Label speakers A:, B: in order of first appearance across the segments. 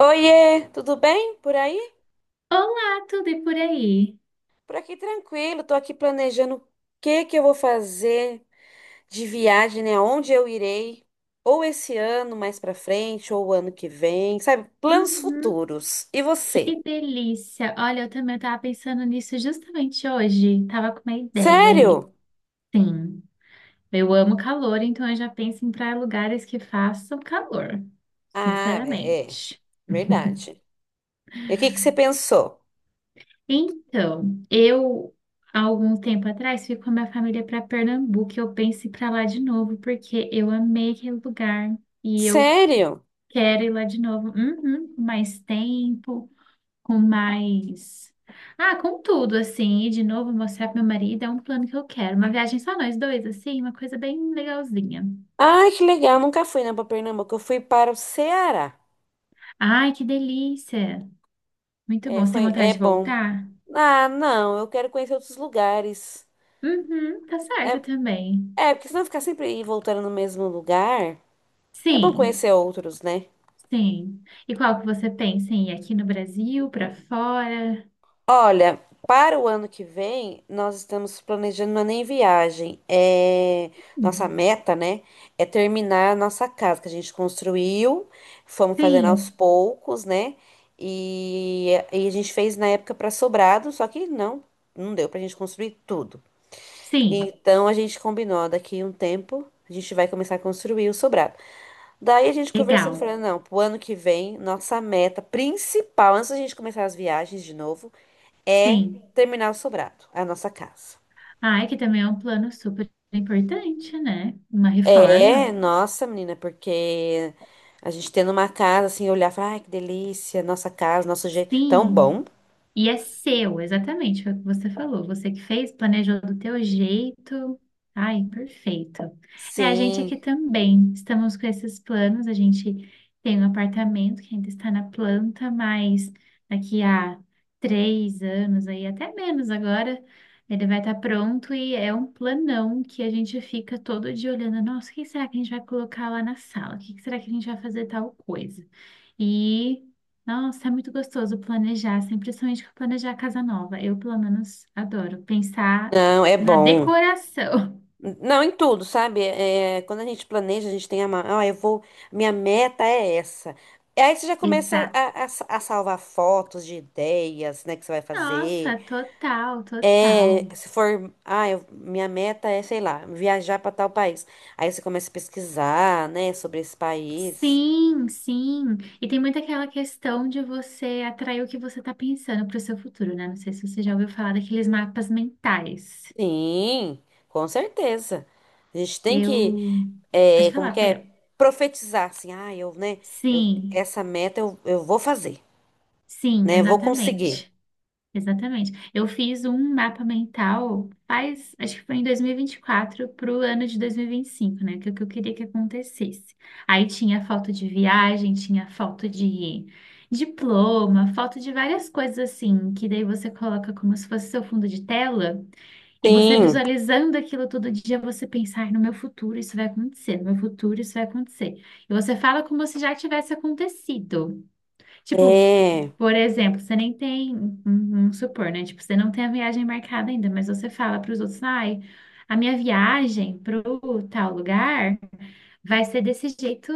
A: Oiê, tudo bem por aí?
B: Olá, tudo e por aí?
A: Por aqui tranquilo, tô aqui planejando o que eu vou fazer de viagem, né? Onde eu irei, ou esse ano mais pra frente, ou o ano que vem, sabe? Planos
B: Uhum.
A: futuros. E você?
B: Que delícia! Olha, eu também estava pensando nisso justamente hoje. Tava com uma ideia aí.
A: Sério?
B: Sim, eu amo calor, então eu já penso em para lugares que façam calor,
A: Ah, é, é,
B: sinceramente.
A: verdade. E o que você pensou?
B: Então, eu há algum tempo atrás fui com a minha família para Pernambuco e eu penso em ir para lá de novo porque eu amei aquele lugar e eu
A: Sério?
B: quero ir lá de novo. Uhum, com mais tempo. Com mais. Ah, com tudo, assim, e de novo mostrar pro meu marido, é um plano que eu quero. Uma viagem só nós dois, assim, uma coisa bem legalzinha.
A: Ai, que legal, nunca fui, né, pra Pernambuco, eu fui para o Ceará.
B: Ai, que delícia! Muito
A: É,
B: bom. Você tem
A: foi, é
B: vontade de
A: bom.
B: voltar?
A: Ah, não, eu quero conhecer outros lugares.
B: Uhum, tá
A: É,
B: certo também.
A: É, porque senão ficar sempre aí voltando no mesmo lugar, é bom
B: Sim,
A: conhecer outros, né?
B: sim. E qual que você pensa em ir aqui no Brasil, pra fora?
A: Olha, para o ano que vem, nós estamos planejando uma nem viagem. Nossa
B: Hum,
A: meta, né? É terminar a nossa casa que a gente construiu, fomos fazendo aos
B: Sim,
A: poucos, né? E a gente fez na época para sobrado, só que não deu pra gente construir tudo.
B: sim.
A: Então a gente combinou, ó, daqui um tempo a gente vai começar a construir o sobrado. Daí a gente conversando,
B: Legal.
A: falando, não, pro ano que vem, nossa meta principal, antes da gente começar as viagens de novo, é
B: Sim.
A: terminar o sobrado, a nossa casa.
B: Ai, que também é um plano super importante, né? Uma
A: É,
B: reforma.
A: nossa, menina, porque a gente tendo uma casa assim, olhar e falar, ai, que delícia, nossa casa, nosso jeito, tão bom.
B: Sim. E é seu, exatamente, foi o que você falou. Você que fez, planejou do teu jeito. Ai, perfeito. É, a gente aqui
A: Sim,
B: também. Estamos com esses planos. A gente tem um apartamento que ainda está na planta, mas daqui a 3 anos, aí até menos agora, ele vai estar pronto e é um planão que a gente fica todo dia olhando. Nossa, o que será que a gente vai colocar lá na sala? O que será que a gente vai fazer tal coisa? E nossa, é muito gostoso planejar, assim, principalmente planejar casa nova. Eu, pelo menos, adoro pensar
A: não, é
B: na
A: bom.
B: decoração.
A: Não, em tudo, sabe? É, quando a gente planeja, a gente tem a, mão. Ah, eu vou, minha meta é essa. E aí você já começa
B: Exato.
A: a salvar fotos de ideias, né, que você vai fazer.
B: Nossa, total,
A: É,
B: total.
A: se for, ah, minha meta é, sei lá, viajar para tal país. Aí você começa a pesquisar, né, sobre esse país.
B: Sim, sim. E tem muito aquela questão de você atrair o que você está pensando para o seu futuro, né? Não sei se você já ouviu falar daqueles mapas mentais.
A: Sim, com certeza. A gente tem
B: Eu.
A: que, é,
B: Pode
A: como
B: falar,
A: que é,
B: perdão.
A: profetizar, assim, ah, eu, né, eu,
B: Sim,
A: essa meta eu vou fazer,
B: sim,
A: né, eu vou conseguir.
B: exatamente. Exatamente. Eu fiz um mapa mental faz, acho que foi em 2024 para o ano de 2025, né? Que é o que eu queria que acontecesse. Aí tinha foto de viagem, tinha foto de diploma, foto de várias coisas assim, que daí você coloca como se fosse seu fundo de tela, e você
A: Sim,
B: visualizando aquilo todo dia, você pensa, "Ai, no meu futuro isso vai acontecer, meu futuro isso vai acontecer." E você fala como se já tivesse acontecido. Tipo,
A: é.
B: por exemplo, você nem tem, vamos supor, né? Tipo, você não tem a viagem marcada ainda, mas você fala para os outros, ai, a minha viagem pro tal lugar vai ser desse jeito,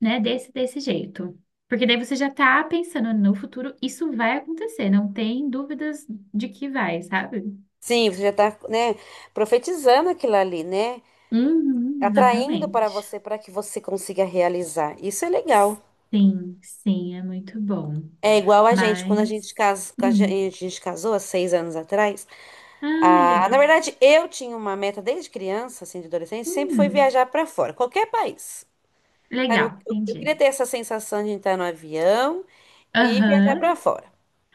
B: né? Desse jeito. Porque daí você já tá pensando no futuro, isso vai acontecer, não tem dúvidas de que vai, sabe?
A: Sim, você já está, né, profetizando aquilo ali, né?
B: Uhum,
A: Atraindo para
B: exatamente.
A: você para que você consiga realizar. Isso é legal.
B: Sim, sim, é muito bom.
A: É igual a gente, quando a gente,
B: Mas,
A: cas... a
B: hum,
A: gente a gente casou há 6 anos atrás.
B: ai,
A: Ah, na
B: legal.
A: verdade, eu tinha uma meta desde criança, assim, de adolescente, sempre foi
B: Hum,
A: viajar para fora, qualquer país. Sabe, Eu,
B: legal,
A: eu- eu queria
B: entendi.
A: ter essa sensação de entrar no avião e viajar
B: Aham.
A: para fora.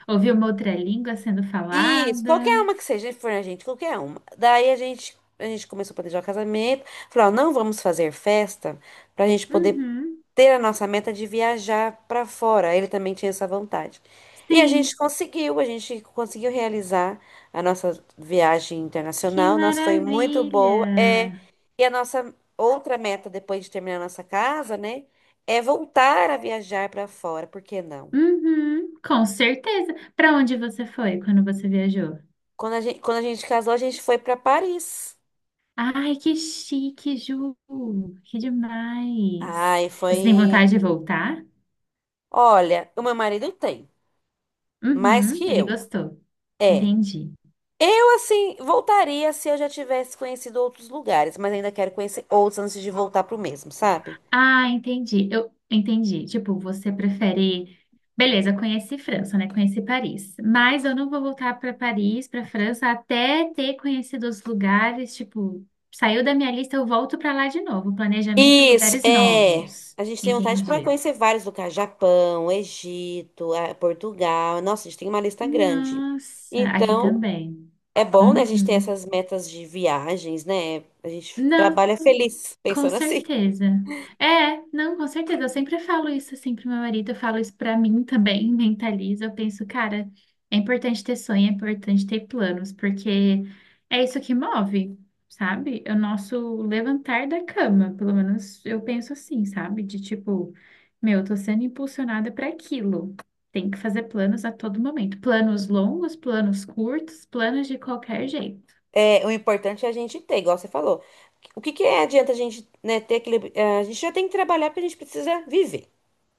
B: Ouvir uma outra língua sendo
A: Isso, qualquer
B: falada.
A: uma que seja, for a gente, qualquer uma. Daí a gente começou a planejar o casamento, falou, ó, não vamos fazer festa pra gente poder
B: Uhum.
A: ter a nossa meta de viajar pra fora. Ele também tinha essa vontade. E
B: Sim,
A: a gente conseguiu realizar a nossa viagem
B: que
A: internacional. Nossa, foi muito boa. É,
B: maravilha.
A: e a nossa outra meta depois de terminar a nossa casa, né, é voltar a viajar pra fora, por que não?
B: Uhum. Com certeza. Para onde você foi quando você viajou?
A: Quando a gente casou, a gente foi pra Paris.
B: Ai, que chique, Ju. Que demais.
A: Ai,
B: Você tem vontade
A: foi.
B: de voltar?
A: Olha, o meu marido tem, mais que
B: Uhum. Ele
A: eu.
B: gostou.
A: É.
B: Entendi.
A: Eu, assim, voltaria se eu já tivesse conhecido outros lugares, mas ainda quero conhecer outros antes de voltar pro mesmo, sabe?
B: Ah, entendi. Eu entendi. Tipo, você prefere. Beleza, conheci França, né? Conheci Paris. Mas eu não vou voltar para Paris, para França, até ter conhecido os lugares. Tipo, saiu da minha lista, eu volto para lá de novo. Planejamento e
A: Isso,
B: lugares
A: é.
B: novos.
A: A gente tem vontade para
B: Entendi.
A: conhecer vários lugares: Japão, Egito, Portugal. Nossa, a gente tem uma lista grande.
B: Nossa, aqui
A: Então,
B: também.
A: é bom, né, a gente ter
B: Uhum.
A: essas metas de viagens, né? A gente
B: Não,
A: trabalha feliz
B: com
A: pensando assim.
B: certeza. É, não, com certeza. Eu sempre falo isso assim pro meu marido, eu falo isso pra mim também, mentalizo. Eu penso, cara, é importante ter sonho, é importante ter planos, porque é isso que move, sabe? É o nosso levantar da cama, pelo menos eu penso assim, sabe? De tipo, meu, eu tô sendo impulsionada para aquilo. Tem que fazer planos a todo momento. Planos longos, planos curtos, planos de qualquer jeito.
A: É, o importante é a gente ter, igual você falou. O que que é, adianta a gente, né, ter aquele. A gente já tem que trabalhar porque a gente precisa viver,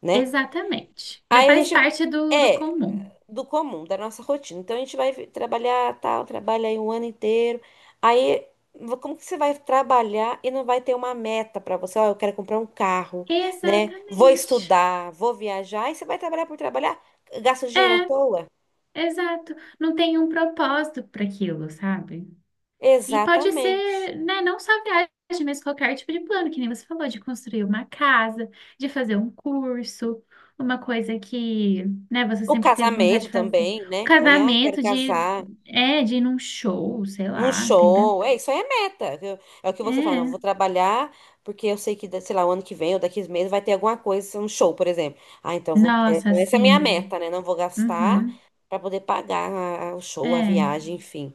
A: né?
B: Exatamente. Já
A: Aí a
B: faz
A: gente
B: parte do
A: é
B: comum.
A: do comum, da nossa rotina. Então a gente vai trabalhar tal, trabalha aí um ano inteiro. Aí como que você vai trabalhar e não vai ter uma meta pra você? Ó, eu quero comprar um carro, né? Vou
B: Exatamente.
A: estudar, vou viajar. E você vai trabalhar por trabalhar? Gasta dinheiro à toa?
B: É, exato. Não tem um propósito para aquilo, sabe? E pode
A: Exatamente.
B: ser, né, não só viagem, mas qualquer tipo de plano, que nem você falou, de construir uma casa, de fazer um curso, uma coisa que, né, você
A: O
B: sempre teve vontade
A: casamento
B: de fazer. Um
A: também, né? Alguém, ah, quero
B: casamento de,
A: casar.
B: é, de ir num show, sei
A: Num
B: lá, tem
A: show,
B: tanto.
A: é isso aí é meta. Viu? É o que você fala, não,
B: É.
A: vou trabalhar porque eu sei que, sei lá, o ano que vem ou daqui a meses vai ter alguma coisa, um show, por exemplo. Ah, então vou, é,
B: Nossa,
A: então essa é a minha
B: assim.
A: meta, né? Não vou gastar
B: Uhum.
A: pra poder pagar o show, a
B: É.
A: viagem, enfim.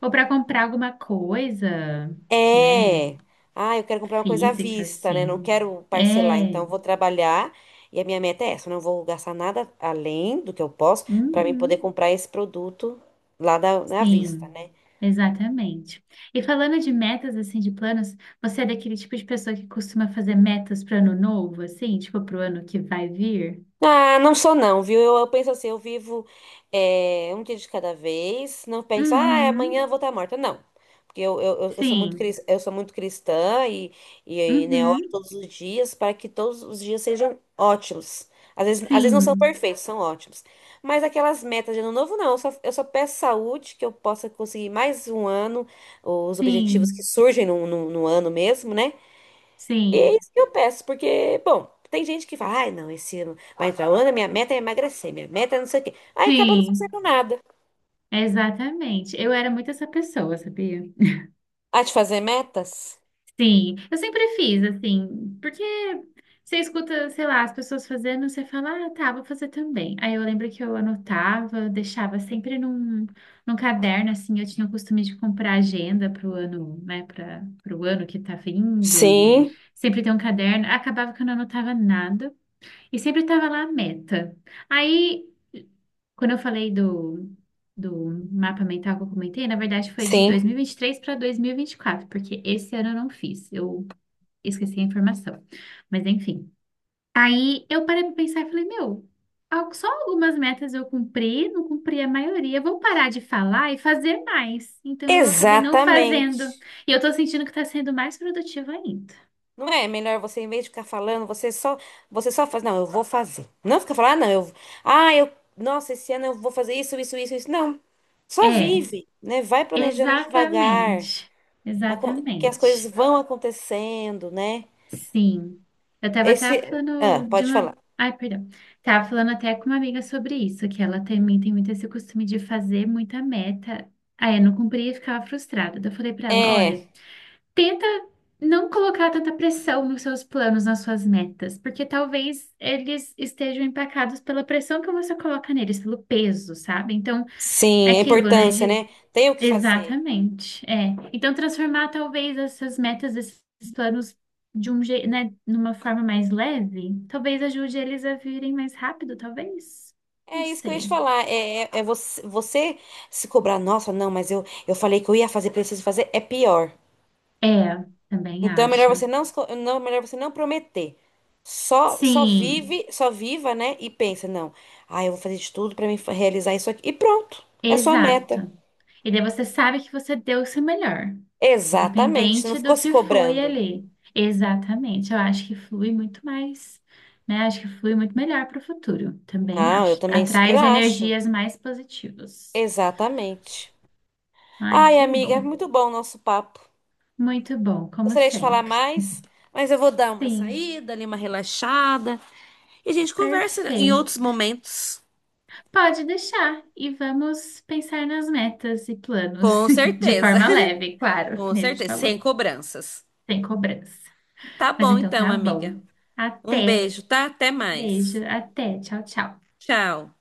B: Ou para comprar alguma coisa, né?
A: É. Ah, eu quero comprar uma coisa à
B: Física,
A: vista, né? Não
B: sim.
A: quero parcelar, então
B: É.
A: eu vou trabalhar e a minha meta é essa, eu não vou gastar nada além do que eu posso pra mim poder
B: Uhum.
A: comprar esse produto lá da, na vista,
B: Sim,
A: né?
B: exatamente. E falando de metas, assim, de planos, você é daquele tipo de pessoa que costuma fazer metas para ano novo, assim, tipo para o ano que vai vir?
A: Ah, não sou não, viu? Eu penso assim, eu vivo um dia de cada vez, não penso, ah, amanhã
B: Uhum.
A: eu vou estar morta. Não, porque eu sou muito,
B: Sim.
A: eu sou muito cristã e né, oro
B: Uhum.
A: todos os dias para que todos os dias sejam ótimos. Às vezes não são
B: Sim.
A: perfeitos, são ótimos. Mas aquelas metas de ano novo, não. Eu só peço saúde, que eu possa conseguir mais um ano, os objetivos que
B: Sim.
A: surgem no ano mesmo, né? É
B: Sim.
A: isso que eu peço, porque, bom, tem gente que fala, ai, não, esse ano vai entrar o ano, minha meta é emagrecer, minha meta é não sei o quê. Aí acaba não
B: Sim.
A: fazendo nada.
B: Exatamente. Eu era muito essa pessoa, sabia?
A: A de fazer metas?
B: Sim, eu sempre fiz, assim, porque você escuta, sei lá, as pessoas fazendo, você fala, ah, tá, vou fazer também. Aí eu lembro que eu anotava, deixava sempre num caderno, assim, eu tinha o costume de comprar agenda pro ano, né, para pro ano que tá vindo, e
A: Sim,
B: sempre ter um caderno. Acabava que eu não anotava nada, e sempre tava lá a meta. Aí, quando eu falei do. Do mapa mental que eu comentei, na verdade foi de
A: sim.
B: dois mil e vinte e três para dois mil e vinte e quatro porque esse ano eu não fiz. Eu esqueci a informação. Mas enfim. Aí eu parei pra pensar e falei, meu, só algumas metas eu cumpri, não cumpri a maioria. Vou parar de falar e fazer mais. Então eu acabei não fazendo.
A: Exatamente.
B: E eu tô sentindo que tá sendo mais produtiva ainda.
A: Não é melhor você, em vez de ficar falando, você só faz, não, eu vou fazer. Não fica falando, ah, não, eu, ah, eu, nossa, esse ano eu vou fazer isso, isso, isso, isso. Não. Só
B: É,
A: vive, né? Vai planejando devagar,
B: exatamente.
A: que as coisas
B: Exatamente.
A: vão acontecendo, né?
B: Sim. Eu tava até
A: Esse,
B: falando
A: ah,
B: de
A: pode
B: uma.
A: falar.
B: Ai, perdão. Tava falando até com uma amiga sobre isso, que ela também tem muito esse costume de fazer muita meta. Aí eu não cumpria e ficava frustrada. Daí eu falei pra ela:
A: É,
B: olha, tenta não colocar tanta pressão nos seus planos, nas suas metas, porque talvez eles estejam empacados pela pressão que você coloca neles, pelo peso, sabe? Então, é
A: sim, a
B: aquilo, né?
A: importância, né? Tem o que fazer.
B: Exatamente, é. Então, transformar talvez essas metas, esses planos né, numa forma mais leve, talvez ajude eles a virem mais rápido, talvez.
A: É
B: Não
A: isso que eu ia te
B: sei.
A: falar. É, você, você se cobrar, nossa, não, mas eu falei que eu ia fazer, preciso fazer, é pior.
B: É, também
A: Então é melhor
B: acho.
A: você não, se co- não, melhor você não prometer. Só
B: Sim,
A: vive, só viva, né? E pensa, não, ah, eu vou fazer de tudo pra realizar isso aqui. E pronto, é sua meta.
B: exato. E daí você sabe que você deu o seu melhor,
A: Exatamente, você não
B: independente do
A: ficou se
B: que foi
A: cobrando.
B: ali. Exatamente. Eu acho que flui muito mais, né? Acho que flui muito melhor para o futuro. Também
A: Não, eu
B: acho.
A: também super
B: Atraz
A: acho.
B: energias mais positivas.
A: Exatamente.
B: Ai,
A: Ai,
B: que
A: amiga,
B: bom.
A: muito bom o nosso papo.
B: Muito bom, como
A: Gostaria de falar
B: sempre.
A: mais, mas eu vou dar uma
B: Sim,
A: saída, ali uma relaxada. E a gente conversa em outros
B: perfeito.
A: momentos.
B: Pode deixar e vamos pensar nas metas e planos
A: Com
B: de
A: certeza.
B: forma leve, claro, que
A: Com
B: nem a gente
A: certeza. Sem
B: falou,
A: cobranças.
B: sem cobrança.
A: Tá
B: Mas
A: bom
B: então
A: então,
B: tá
A: amiga.
B: bom.
A: Um
B: Até.
A: beijo, tá? Até mais.
B: Beijo, até. Tchau, tchau.
A: Tchau.